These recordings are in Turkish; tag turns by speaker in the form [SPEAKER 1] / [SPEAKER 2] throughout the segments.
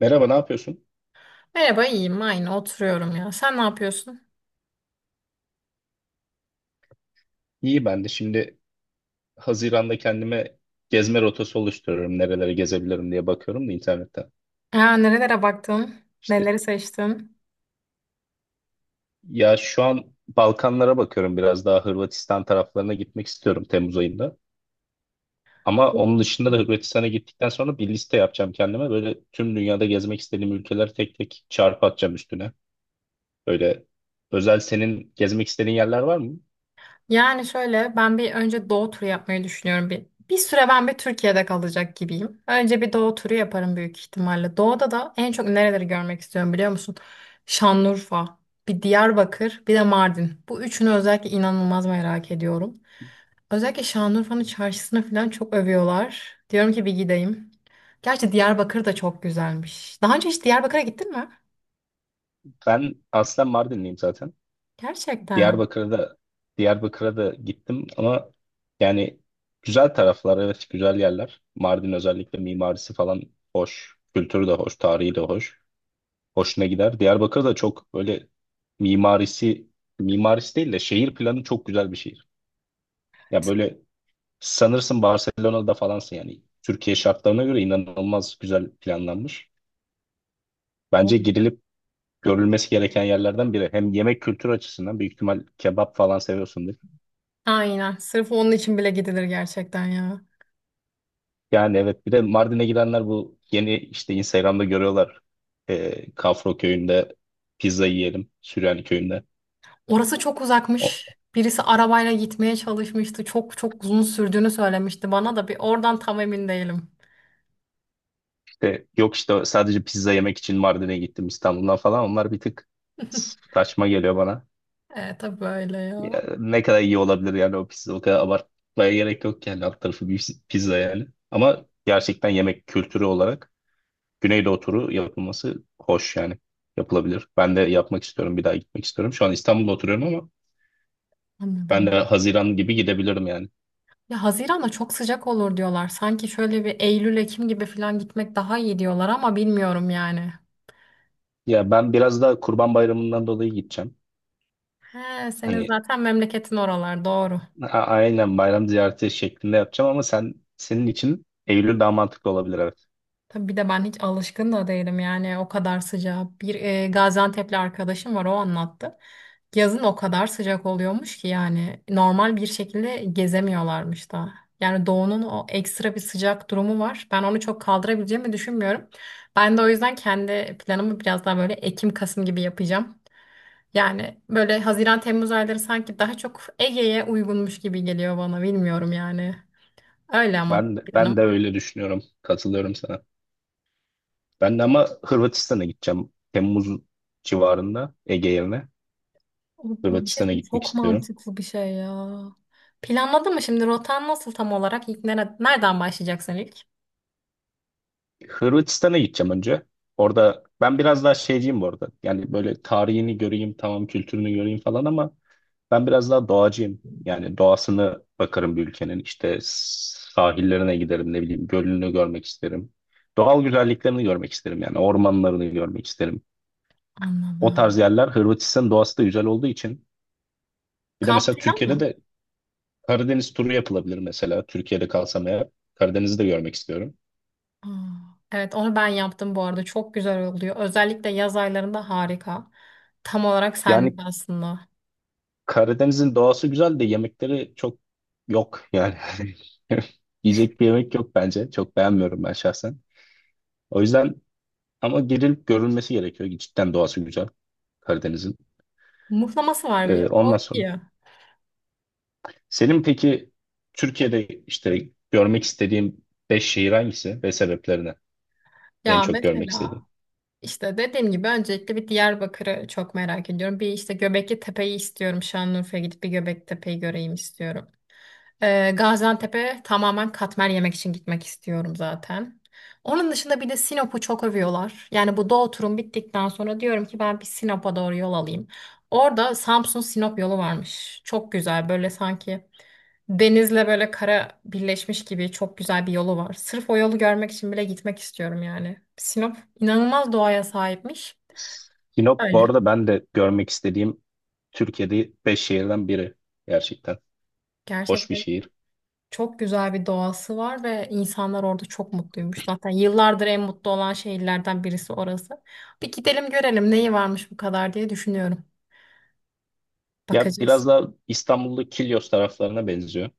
[SPEAKER 1] Merhaba, ne yapıyorsun?
[SPEAKER 2] Merhaba, iyiyim. Aynı oturuyorum ya. Sen ne yapıyorsun?
[SPEAKER 1] İyi ben de. Şimdi Haziran'da kendime gezme rotası oluşturuyorum. Nerelere gezebilirim diye bakıyorum da internetten.
[SPEAKER 2] Ya, nerelere baktın?
[SPEAKER 1] İşte
[SPEAKER 2] Neleri seçtin?
[SPEAKER 1] ya, şu an Balkanlara bakıyorum, biraz daha Hırvatistan taraflarına gitmek istiyorum Temmuz ayında. Ama onun dışında da Hırvatistan'a gittikten sonra bir liste yapacağım kendime. Böyle tüm dünyada gezmek istediğim ülkeleri tek tek çarpı atacağım üstüne. Böyle özel senin gezmek istediğin yerler var mı?
[SPEAKER 2] Yani şöyle ben bir önce doğu turu yapmayı düşünüyorum. Bir süre ben bir Türkiye'de kalacak gibiyim. Önce bir doğu turu yaparım büyük ihtimalle. Doğuda da en çok nereleri görmek istiyorum biliyor musun? Şanlıurfa, bir Diyarbakır, bir de Mardin. Bu üçünü özellikle inanılmaz merak ediyorum. Özellikle Şanlıurfa'nın çarşısını falan çok övüyorlar. Diyorum ki bir gideyim. Gerçi Diyarbakır da çok güzelmiş. Daha önce hiç Diyarbakır'a gittin mi?
[SPEAKER 1] Ben aslen Mardinliyim zaten.
[SPEAKER 2] Gerçekten.
[SPEAKER 1] Diyarbakır'a da Diyarbakır'a da gittim ama yani güzel taraflar, evet, güzel yerler. Mardin özellikle mimarisi falan hoş. Kültürü de hoş, tarihi de hoş. Hoşuna gider. Diyarbakır da çok böyle mimarisi mimarisi değil de şehir planı çok güzel bir şehir. Ya böyle sanırsın Barcelona'da falansın yani. Türkiye şartlarına göre inanılmaz güzel planlanmış. Bence gidilip görülmesi gereken yerlerden biri. Hem yemek kültürü açısından büyük ihtimal kebap falan seviyorsun.
[SPEAKER 2] Aynen. Sırf onun için bile gidilir gerçekten ya.
[SPEAKER 1] Yani evet, bir de Mardin'e gidenler bu yeni işte Instagram'da görüyorlar. Kafro köyünde pizza yiyelim. Süryani köyünde.
[SPEAKER 2] Orası çok uzakmış.
[SPEAKER 1] O
[SPEAKER 2] Birisi arabayla gitmeye çalışmıştı. Çok çok uzun sürdüğünü söylemişti bana da bir oradan tam emin değilim.
[SPEAKER 1] işte, yok işte, sadece pizza yemek için Mardin'e gittim İstanbul'dan falan. Onlar bir tık saçma geliyor bana.
[SPEAKER 2] E, tabii böyle ya.
[SPEAKER 1] Ya, ne kadar iyi olabilir yani o pizza? O kadar abartmaya gerek yok yani, alt tarafı bir pizza yani. Ama gerçekten yemek kültürü olarak Güneydoğu turu yapılması hoş, yani yapılabilir. Ben de yapmak istiyorum. Bir daha gitmek istiyorum. Şu an İstanbul'da oturuyorum ama ben de
[SPEAKER 2] Anladım.
[SPEAKER 1] Haziran gibi gidebilirim yani.
[SPEAKER 2] Ya Haziran'da çok sıcak olur diyorlar. Sanki şöyle bir Eylül, Ekim gibi falan gitmek daha iyi diyorlar ama bilmiyorum yani.
[SPEAKER 1] Ya ben biraz da Kurban Bayramı'ndan dolayı gideceğim.
[SPEAKER 2] He, senin
[SPEAKER 1] Hani
[SPEAKER 2] zaten memleketin oralar doğru.
[SPEAKER 1] aynen bayram ziyareti şeklinde yapacağım, ama sen, senin için Eylül daha mantıklı olabilir, evet.
[SPEAKER 2] Tabii bir de ben hiç alışkın da değilim yani o kadar sıcağı. Bir Gaziantep'li arkadaşım var o anlattı. Yazın o kadar sıcak oluyormuş ki yani normal bir şekilde gezemiyorlarmış da. Yani doğunun o ekstra bir sıcak durumu var. Ben onu çok kaldırabileceğimi düşünmüyorum. Ben de o yüzden kendi planımı biraz daha böyle Ekim-Kasım gibi yapacağım. Yani böyle Haziran-Temmuz ayları sanki daha çok Ege'ye uygunmuş gibi geliyor bana bilmiyorum yani. Öyle ama
[SPEAKER 1] Ben de, ben
[SPEAKER 2] planım.
[SPEAKER 1] de öyle düşünüyorum. Katılıyorum sana. Ben de ama Hırvatistan'a gideceğim. Temmuz civarında Ege yerine
[SPEAKER 2] Bu bir şey
[SPEAKER 1] Hırvatistan'a
[SPEAKER 2] söyleyeyim,
[SPEAKER 1] gitmek
[SPEAKER 2] çok
[SPEAKER 1] istiyorum.
[SPEAKER 2] mantıklı bir şey ya. Planladın mı şimdi rotan nasıl tam olarak? İlk nereden başlayacaksın ilk?
[SPEAKER 1] Hırvatistan'a gideceğim önce. Orada ben biraz daha şeyciyim bu arada. Yani böyle tarihini göreyim, tamam, kültürünü göreyim falan ama ben biraz daha doğacıyım. Yani doğasını bakarım bir ülkenin. İşte sahillerine giderim, ne bileyim gölünü görmek isterim. Doğal güzelliklerini görmek isterim, yani ormanlarını görmek isterim. O tarz
[SPEAKER 2] Anladım.
[SPEAKER 1] yerler, Hırvatistan doğası da güzel olduğu için. Bir de
[SPEAKER 2] Kamp
[SPEAKER 1] mesela
[SPEAKER 2] plan
[SPEAKER 1] Türkiye'de
[SPEAKER 2] mı?
[SPEAKER 1] de Karadeniz turu yapılabilir mesela. Türkiye'de kalsam eğer Karadeniz'i de görmek istiyorum.
[SPEAKER 2] Aa, evet onu ben yaptım bu arada. Çok güzel oluyor. Özellikle yaz aylarında harika. Tam olarak senlik
[SPEAKER 1] Yani
[SPEAKER 2] aslında.
[SPEAKER 1] Karadeniz'in doğası güzel de yemekleri çok yok yani. Yiyecek bir yemek yok bence. Çok beğenmiyorum ben şahsen. O yüzden, ama girilip görülmesi gerekiyor. Cidden doğası güzel Karadeniz'in.
[SPEAKER 2] Muhlaması var bir. O
[SPEAKER 1] Ondan sonra,
[SPEAKER 2] iyi.
[SPEAKER 1] senin peki Türkiye'de işte görmek istediğin 5 şehir hangisi ve sebeplerine en
[SPEAKER 2] Ya
[SPEAKER 1] çok görmek
[SPEAKER 2] mesela
[SPEAKER 1] istediğin?
[SPEAKER 2] işte dediğim gibi öncelikle bir Diyarbakır'ı çok merak ediyorum. Bir işte Göbekli Tepe'yi istiyorum. Şanlıurfa'ya gidip bir Göbekli Tepe'yi göreyim istiyorum. Gaziantep'e tamamen katmer yemek için gitmek istiyorum zaten. Onun dışında bir de Sinop'u çok övüyorlar. Yani bu Doğu turum bittikten sonra diyorum ki ben bir Sinop'a doğru yol alayım. Orada Samsun-Sinop yolu varmış. Çok güzel böyle sanki denizle böyle kara birleşmiş gibi çok güzel bir yolu var. Sırf o yolu görmek için bile gitmek istiyorum yani. Sinop inanılmaz doğaya sahipmiş.
[SPEAKER 1] Sinop bu
[SPEAKER 2] Öyle.
[SPEAKER 1] arada ben de görmek istediğim Türkiye'de 5 şehirden biri gerçekten. Hoş bir
[SPEAKER 2] Gerçekten.
[SPEAKER 1] şehir.
[SPEAKER 2] Çok güzel bir doğası var ve insanlar orada çok mutluymuş. Zaten yıllardır en mutlu olan şehirlerden birisi orası. Bir gidelim görelim neyi varmış bu kadar diye düşünüyorum.
[SPEAKER 1] Ya
[SPEAKER 2] Bakacağız.
[SPEAKER 1] biraz daha İstanbul'da Kilyos taraflarına benziyor.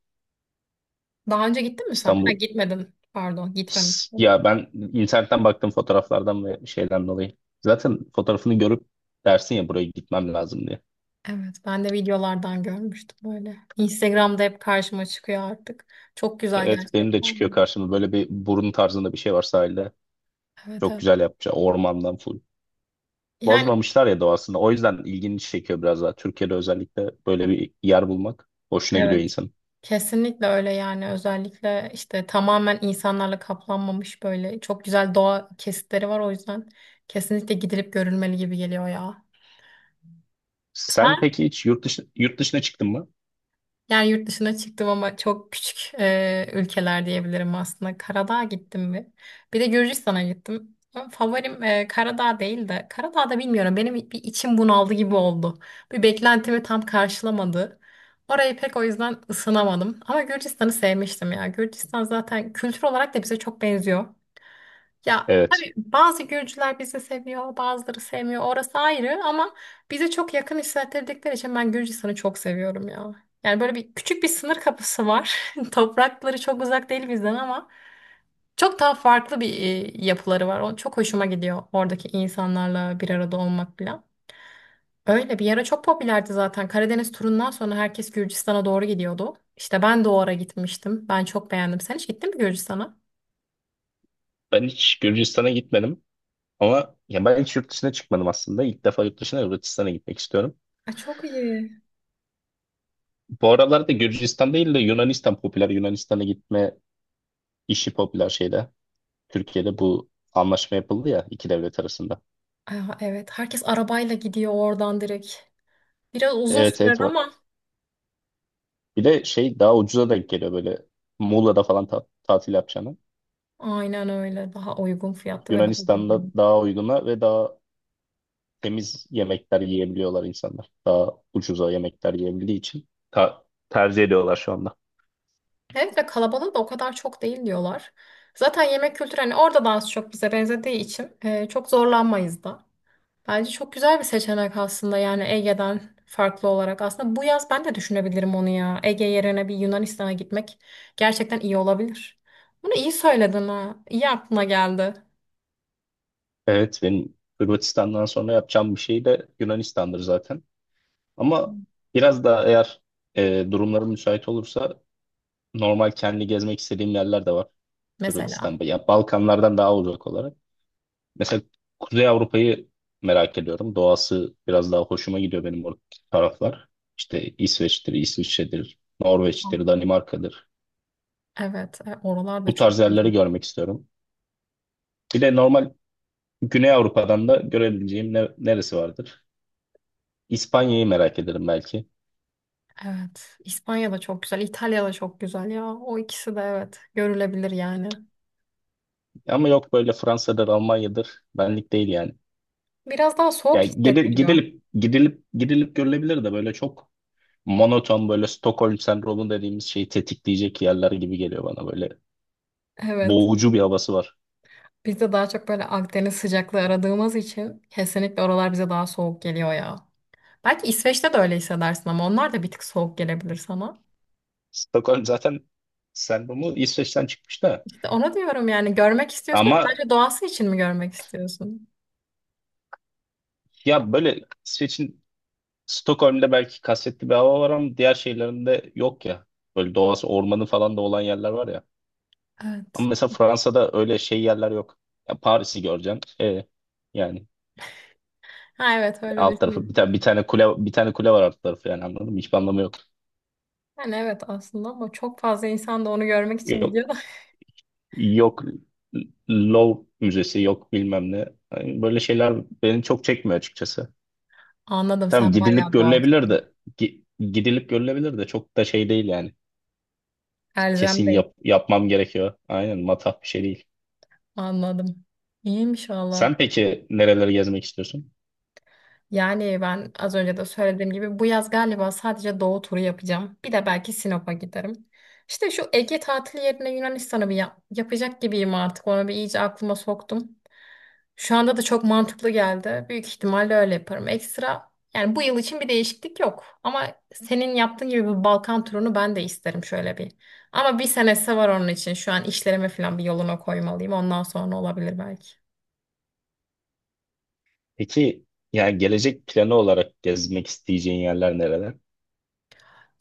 [SPEAKER 2] Daha önce gittin mi sen? Ha
[SPEAKER 1] İstanbul,
[SPEAKER 2] gitmedin. Pardon, gitmemiştim.
[SPEAKER 1] Ya ben internetten baktım fotoğraflardan ve şeyden dolayı. Zaten fotoğrafını görüp dersin ya buraya gitmem lazım diye.
[SPEAKER 2] Evet, ben de videolardan görmüştüm böyle. Instagram'da hep karşıma çıkıyor artık. Çok güzel
[SPEAKER 1] Evet, benim de çıkıyor
[SPEAKER 2] gerçekten.
[SPEAKER 1] karşıma, böyle bir burun tarzında bir şey var sahilde.
[SPEAKER 2] Evet,
[SPEAKER 1] Çok
[SPEAKER 2] evet.
[SPEAKER 1] güzel yapmışlar, ormandan full.
[SPEAKER 2] Yani
[SPEAKER 1] Bozmamışlar ya doğasını. O yüzden ilgini çekiyor biraz daha. Türkiye'de özellikle böyle bir yer bulmak hoşuna gidiyor
[SPEAKER 2] evet.
[SPEAKER 1] insanın.
[SPEAKER 2] Kesinlikle öyle yani özellikle işte tamamen insanlarla kaplanmamış böyle çok güzel doğa kesitleri var o yüzden kesinlikle gidilip görülmeli gibi geliyor ya.
[SPEAKER 1] Sen
[SPEAKER 2] Sen
[SPEAKER 1] peki hiç yurt dışı, yurt dışına çıktın mı?
[SPEAKER 2] yani yurt dışına çıktım ama çok küçük ülkeler diyebilirim aslında. Karadağ'a gittim bir. Bir de Gürcistan'a gittim. Ama favorim Karadağ değil de Karadağ'da bilmiyorum benim bir içim bunaldı gibi oldu. Bir beklentimi tam karşılamadı. Orayı pek o yüzden ısınamadım. Ama Gürcistan'ı sevmiştim ya. Gürcistan zaten kültür olarak da bize çok benziyor. Ya
[SPEAKER 1] Evet.
[SPEAKER 2] tabii bazı Gürcüler bizi seviyor, bazıları sevmiyor. Orası ayrı ama bize çok yakın hissettirdikleri için ben Gürcistan'ı çok seviyorum ya. Yani böyle bir küçük bir sınır kapısı var. Toprakları çok uzak değil bizden ama çok daha farklı bir yapıları var. O çok hoşuma gidiyor oradaki insanlarla bir arada olmak falan. Öyle bir ara çok popülerdi zaten. Karadeniz turundan sonra herkes Gürcistan'a doğru gidiyordu. İşte ben de o ara gitmiştim. Ben çok beğendim. Sen hiç gittin mi Gürcistan'a?
[SPEAKER 1] Ben hiç Gürcistan'a gitmedim. Ama ya ben hiç yurt dışına çıkmadım aslında. İlk defa yurt dışına Hırvatistan'a gitmek istiyorum.
[SPEAKER 2] Ay, çok iyi.
[SPEAKER 1] Bu aralarda Gürcistan değil de Yunanistan popüler. Yunanistan'a gitme işi popüler şeyde. Türkiye'de bu anlaşma yapıldı ya iki devlet arasında.
[SPEAKER 2] Aa, evet, herkes arabayla gidiyor oradan direkt. Biraz uzun
[SPEAKER 1] Evet,
[SPEAKER 2] sürer
[SPEAKER 1] evet, o.
[SPEAKER 2] ama
[SPEAKER 1] Bir de şey, daha ucuza denk geliyor böyle Muğla'da falan tatil yapacağını.
[SPEAKER 2] aynen öyle. Daha uygun fiyatlı ve daha
[SPEAKER 1] Yunanistan'da
[SPEAKER 2] güzel.
[SPEAKER 1] daha uyguna ve daha temiz yemekler yiyebiliyorlar insanlar. Daha ucuza yemekler yiyebildiği için tercih ediyorlar şu anda.
[SPEAKER 2] Hem de kalabalığı da o kadar çok değil diyorlar. Zaten yemek kültürü hani orada da az çok bize benzediği için çok zorlanmayız da. Bence çok güzel bir seçenek aslında yani Ege'den farklı olarak. Aslında bu yaz ben de düşünebilirim onu ya. Ege yerine bir Yunanistan'a gitmek gerçekten iyi olabilir. Bunu iyi söyledin ha. İyi aklına geldi
[SPEAKER 1] Evet, benim Hırvatistan'dan sonra yapacağım bir şey de Yunanistan'dır zaten. Ama biraz daha, eğer durumlarım müsait olursa, normal kendi gezmek istediğim yerler de var
[SPEAKER 2] mesela.
[SPEAKER 1] Hırvatistan'da. Ya Balkanlardan daha uzak olarak. Mesela Kuzey Avrupa'yı merak ediyorum. Doğası biraz daha hoşuma gidiyor benim, o taraflar. İşte İsveç'tir, İsviçre'dir, Norveç'tir, Danimarka'dır.
[SPEAKER 2] Evet, oralar da
[SPEAKER 1] Bu tarz
[SPEAKER 2] çok güzel.
[SPEAKER 1] yerleri görmek istiyorum. Bir de normal Güney Avrupa'dan da görebileceğim neresi vardır? İspanya'yı merak ederim belki.
[SPEAKER 2] Evet. İspanya da çok güzel. İtalya da çok güzel ya. O ikisi de evet. Görülebilir yani.
[SPEAKER 1] Ama yok, böyle Fransa'dır, Almanya'dır. Benlik değil yani.
[SPEAKER 2] Biraz daha soğuk
[SPEAKER 1] Yani gidil-
[SPEAKER 2] hissettiriyor.
[SPEAKER 1] gidilip gidilip gidilip görülebilir de, böyle çok monoton, böyle Stockholm sendromu dediğimiz şeyi tetikleyecek yerler gibi geliyor bana, böyle
[SPEAKER 2] Evet.
[SPEAKER 1] boğucu bir havası var.
[SPEAKER 2] Biz de daha çok böyle Akdeniz sıcaklığı aradığımız için kesinlikle oralar bize daha soğuk geliyor ya. Belki İsveç'te de öyle hissedersin ama onlar da bir tık soğuk gelebilir sana.
[SPEAKER 1] Stockholm zaten sendromu İsveç'ten çıkmış da.
[SPEAKER 2] İşte onu diyorum yani görmek istiyorsun da
[SPEAKER 1] Ama
[SPEAKER 2] sadece doğası için mi görmek istiyorsun?
[SPEAKER 1] ya böyle İsveç'in Stockholm'de belki kasvetli bir hava var ama diğer şehirlerinde yok ya. Böyle doğası, ormanı falan da olan yerler var ya. Ama
[SPEAKER 2] Evet.
[SPEAKER 1] mesela Fransa'da öyle şey yerler yok. Ya Paris'i göreceksin. E yani,
[SPEAKER 2] Ha evet öyle
[SPEAKER 1] alt tarafı bir tane
[SPEAKER 2] düşünüyorum.
[SPEAKER 1] bir tane kule bir tane kule var alt tarafı yani, anladın mı? Hiçbir anlamı yok.
[SPEAKER 2] Yani evet aslında ama çok fazla insan da onu görmek için gidiyor
[SPEAKER 1] Yok,
[SPEAKER 2] da.
[SPEAKER 1] yok, Louvre Müzesi, yok bilmem ne. Yani böyle şeyler beni çok çekmiyor açıkçası.
[SPEAKER 2] Anladım
[SPEAKER 1] Tamam
[SPEAKER 2] sen
[SPEAKER 1] gidilip
[SPEAKER 2] bayağı
[SPEAKER 1] görülebilir
[SPEAKER 2] doğacısın.
[SPEAKER 1] de gidilip görülebilir de çok da şey değil yani.
[SPEAKER 2] Elzem.
[SPEAKER 1] Kesin yapmam gerekiyor. Aynen, matah bir şey değil.
[SPEAKER 2] Anladım. İyiymiş valla.
[SPEAKER 1] Sen peki nereleri gezmek istiyorsun?
[SPEAKER 2] Yani ben az önce de söylediğim gibi bu yaz galiba sadece Doğu turu yapacağım. Bir de belki Sinop'a giderim. İşte şu Ege tatili yerine Yunanistan'ı bir yapacak gibiyim artık. Onu bir iyice aklıma soktum. Şu anda da çok mantıklı geldi. Büyük ihtimalle öyle yaparım. Ekstra yani bu yıl için bir değişiklik yok. Ama senin yaptığın gibi bu Balkan turunu ben de isterim şöyle bir. Ama bir senesi var onun için. Şu an işlerime falan bir yoluna koymalıyım. Ondan sonra olabilir belki.
[SPEAKER 1] Peki, yani gelecek planı olarak gezmek isteyeceğin yerler nereler?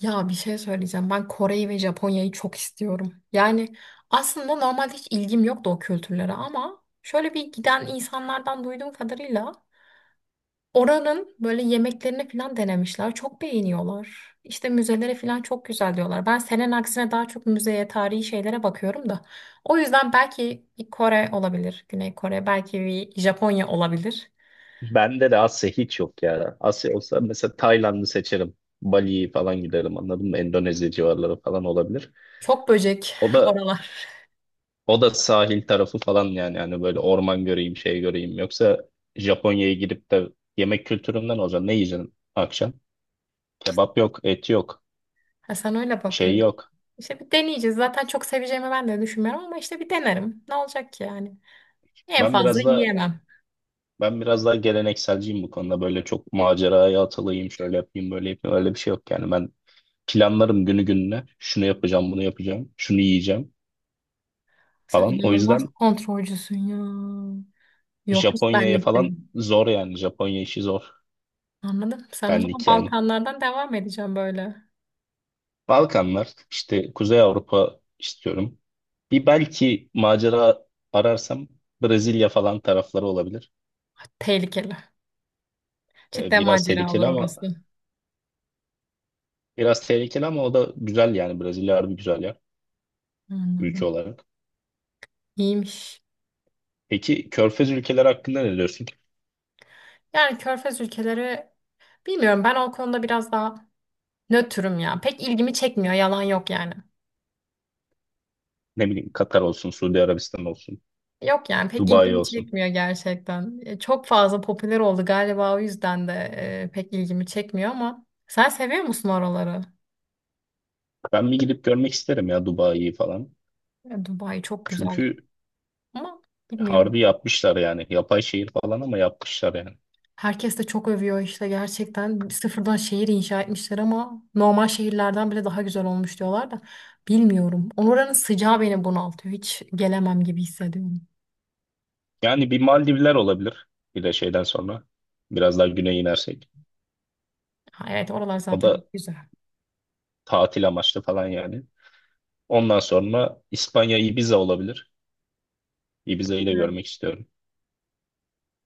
[SPEAKER 2] Ya bir şey söyleyeceğim. Ben Kore'yi ve Japonya'yı çok istiyorum. Yani aslında normalde hiç ilgim yoktu o kültürlere ama şöyle bir giden insanlardan duyduğum kadarıyla oranın böyle yemeklerini falan denemişler. Çok beğeniyorlar. İşte müzeleri falan çok güzel diyorlar. Ben senin aksine daha çok müzeye, tarihi şeylere bakıyorum da. O yüzden belki bir Kore olabilir. Güney Kore, belki bir Japonya olabilir.
[SPEAKER 1] Bende de Asya hiç yok ya. Asya olsa mesela Tayland'ı seçerim. Bali'yi falan giderim, anladın mı? Endonezya civarları falan olabilir.
[SPEAKER 2] Çok böcek
[SPEAKER 1] O da
[SPEAKER 2] oralar.
[SPEAKER 1] O da sahil tarafı falan yani böyle orman göreyim, şey göreyim, yoksa Japonya'ya girip de yemek kültüründen olacağım. Ne yiyeceğim akşam?
[SPEAKER 2] İşte,
[SPEAKER 1] Kebap yok, et yok,
[SPEAKER 2] ha, sen öyle
[SPEAKER 1] şey
[SPEAKER 2] bakıyorsun.
[SPEAKER 1] yok.
[SPEAKER 2] İşte bir deneyeceğiz. Zaten çok seveceğimi ben de düşünmüyorum ama işte bir denerim. Ne olacak ki yani? En
[SPEAKER 1] Ben
[SPEAKER 2] fazla
[SPEAKER 1] biraz da
[SPEAKER 2] yiyemem.
[SPEAKER 1] ben biraz daha gelenekselciyim bu konuda. Böyle çok maceraya atılayım, şöyle yapayım, böyle yapayım. Öyle bir şey yok yani. Ben planlarım günü gününe. Şunu yapacağım, bunu yapacağım, şunu yiyeceğim
[SPEAKER 2] Sen
[SPEAKER 1] falan. O
[SPEAKER 2] inanılmaz
[SPEAKER 1] yüzden
[SPEAKER 2] kontrolcüsün ya. Yok hiç
[SPEAKER 1] Japonya'ya
[SPEAKER 2] benlik değil.
[SPEAKER 1] falan zor yani. Japonya işi zor.
[SPEAKER 2] Anladım. Sen o zaman
[SPEAKER 1] Benlik yani.
[SPEAKER 2] Balkanlardan devam edeceğim böyle.
[SPEAKER 1] Balkanlar, işte Kuzey Avrupa istiyorum. Bir belki macera ararsam Brezilya falan tarafları olabilir.
[SPEAKER 2] Ah, tehlikeli.
[SPEAKER 1] Ee,
[SPEAKER 2] Cidden
[SPEAKER 1] biraz
[SPEAKER 2] macera olur
[SPEAKER 1] tehlikeli ama
[SPEAKER 2] orası.
[SPEAKER 1] biraz tehlikeli ama o da güzel yani, Brezilya harbi güzel yer ülke
[SPEAKER 2] Anladım.
[SPEAKER 1] olarak.
[SPEAKER 2] İyiymiş.
[SPEAKER 1] Peki Körfez ülkeleri hakkında ne diyorsun?
[SPEAKER 2] Yani Körfez ülkeleri bilmiyorum ben o konuda biraz daha nötrüm ya. Pek ilgimi çekmiyor yalan yok yani.
[SPEAKER 1] Ne bileyim, Katar olsun, Suudi Arabistan olsun,
[SPEAKER 2] Yok yani pek
[SPEAKER 1] Dubai
[SPEAKER 2] ilgimi
[SPEAKER 1] olsun.
[SPEAKER 2] çekmiyor gerçekten. Çok fazla popüler oldu galiba o yüzden de pek ilgimi çekmiyor ama sen seviyor musun oraları?
[SPEAKER 1] Ben bir gidip görmek isterim ya Dubai'yi falan.
[SPEAKER 2] E, Dubai çok güzel
[SPEAKER 1] Çünkü
[SPEAKER 2] ama bilmiyorum.
[SPEAKER 1] harbi yapmışlar yani. Yapay şehir falan ama yapmışlar yani.
[SPEAKER 2] Herkes de çok övüyor işte gerçekten sıfırdan şehir inşa etmişler ama normal şehirlerden bile daha güzel olmuş diyorlar da bilmiyorum. Oranın sıcağı beni bunaltıyor. Hiç gelemem gibi hissediyorum.
[SPEAKER 1] Yani bir Maldivler olabilir, bir de şeyden sonra. Biraz daha güneye inersek.
[SPEAKER 2] Ha, evet oralar
[SPEAKER 1] O da
[SPEAKER 2] zaten hep güzel.
[SPEAKER 1] tatil amaçlı falan yani. Ondan sonra İspanya, Ibiza olabilir. Ibiza'yı da
[SPEAKER 2] Evet.
[SPEAKER 1] görmek istiyorum.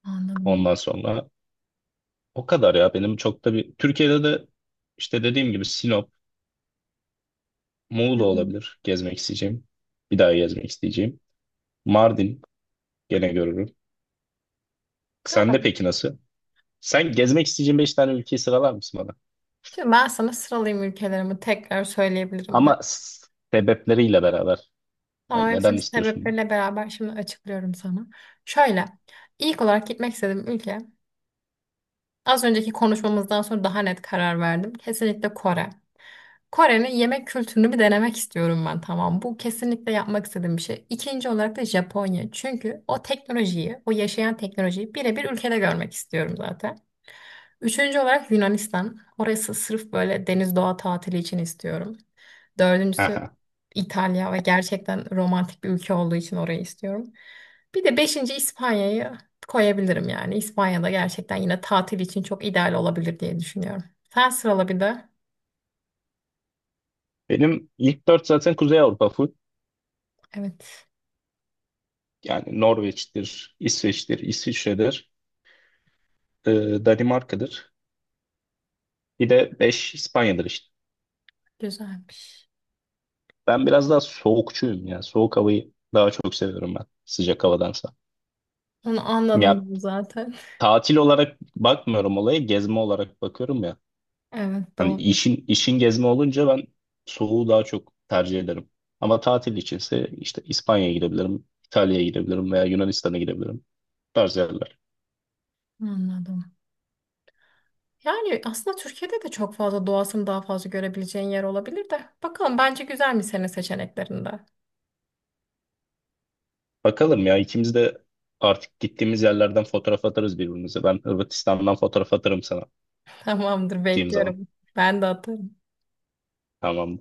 [SPEAKER 2] Anladım.
[SPEAKER 1] Ondan sonra o kadar, ya benim çok da bir... Türkiye'de de işte dediğim gibi Sinop,
[SPEAKER 2] Hı
[SPEAKER 1] Muğla
[SPEAKER 2] hı.
[SPEAKER 1] olabilir gezmek isteyeceğim. Bir daha gezmek isteyeceğim. Mardin gene görürüm. Sen de
[SPEAKER 2] Tamam.
[SPEAKER 1] peki nasıl? Sen gezmek isteyeceğin 5 tane ülkeyi sıralar mısın bana?
[SPEAKER 2] Şimdi ben sana sıralayayım ülkelerimi tekrar söyleyebilirim de.
[SPEAKER 1] Ama sebepleriyle beraber. Yani
[SPEAKER 2] Ama
[SPEAKER 1] neden
[SPEAKER 2] hepsinin
[SPEAKER 1] istiyorsun?
[SPEAKER 2] sebepleriyle beraber şimdi açıklıyorum sana. Şöyle, ilk olarak gitmek istediğim ülke, az önceki konuşmamızdan sonra daha net karar verdim. Kesinlikle Kore. Kore'nin yemek kültürünü bir denemek istiyorum ben tamam. Bu kesinlikle yapmak istediğim bir şey. İkinci olarak da Japonya. Çünkü o teknolojiyi, o yaşayan teknolojiyi birebir ülkede görmek istiyorum zaten. Üçüncü olarak Yunanistan. Orası sırf böyle deniz doğa tatili için istiyorum. Dördüncüsü
[SPEAKER 1] Aha.
[SPEAKER 2] İtalya ve gerçekten romantik bir ülke olduğu için orayı istiyorum. Bir de 5. İspanya'yı koyabilirim yani. İspanya'da gerçekten yine tatil için çok ideal olabilir diye düşünüyorum. Sen sırala bir de.
[SPEAKER 1] Benim ilk dört zaten Kuzey Avrupa full.
[SPEAKER 2] Evet,
[SPEAKER 1] Yani Norveç'tir, İsveç'tir, İsviçre'dir, e, Danimarka'dır. Bir de 5. İspanya'dır işte.
[SPEAKER 2] güzelmiş.
[SPEAKER 1] Ben biraz daha soğukçuyum ya. Soğuk havayı daha çok seviyorum ben sıcak havadansa.
[SPEAKER 2] Onu
[SPEAKER 1] Ya
[SPEAKER 2] anladım zaten.
[SPEAKER 1] tatil olarak bakmıyorum olaya, gezme olarak bakıyorum ya.
[SPEAKER 2] Evet,
[SPEAKER 1] Hani
[SPEAKER 2] doğru.
[SPEAKER 1] işin gezme olunca ben soğuğu daha çok tercih ederim. Ama tatil içinse işte İspanya'ya gidebilirim, İtalya'ya gidebilirim veya Yunanistan'a gidebilirim. Bu tarz yerler.
[SPEAKER 2] Anladım. Yani aslında Türkiye'de de çok fazla doğasını daha fazla görebileceğin yer olabilir de. Bakalım bence güzel mi senin seçeneklerinde?
[SPEAKER 1] Bakalım ya, ikimiz de artık gittiğimiz yerlerden fotoğraf atarız birbirimize. Ben Hırvatistan'dan fotoğraf atarım sana
[SPEAKER 2] Tamamdır,
[SPEAKER 1] gittiğim zaman.
[SPEAKER 2] bekliyorum. Ben de atarım.
[SPEAKER 1] Tamam.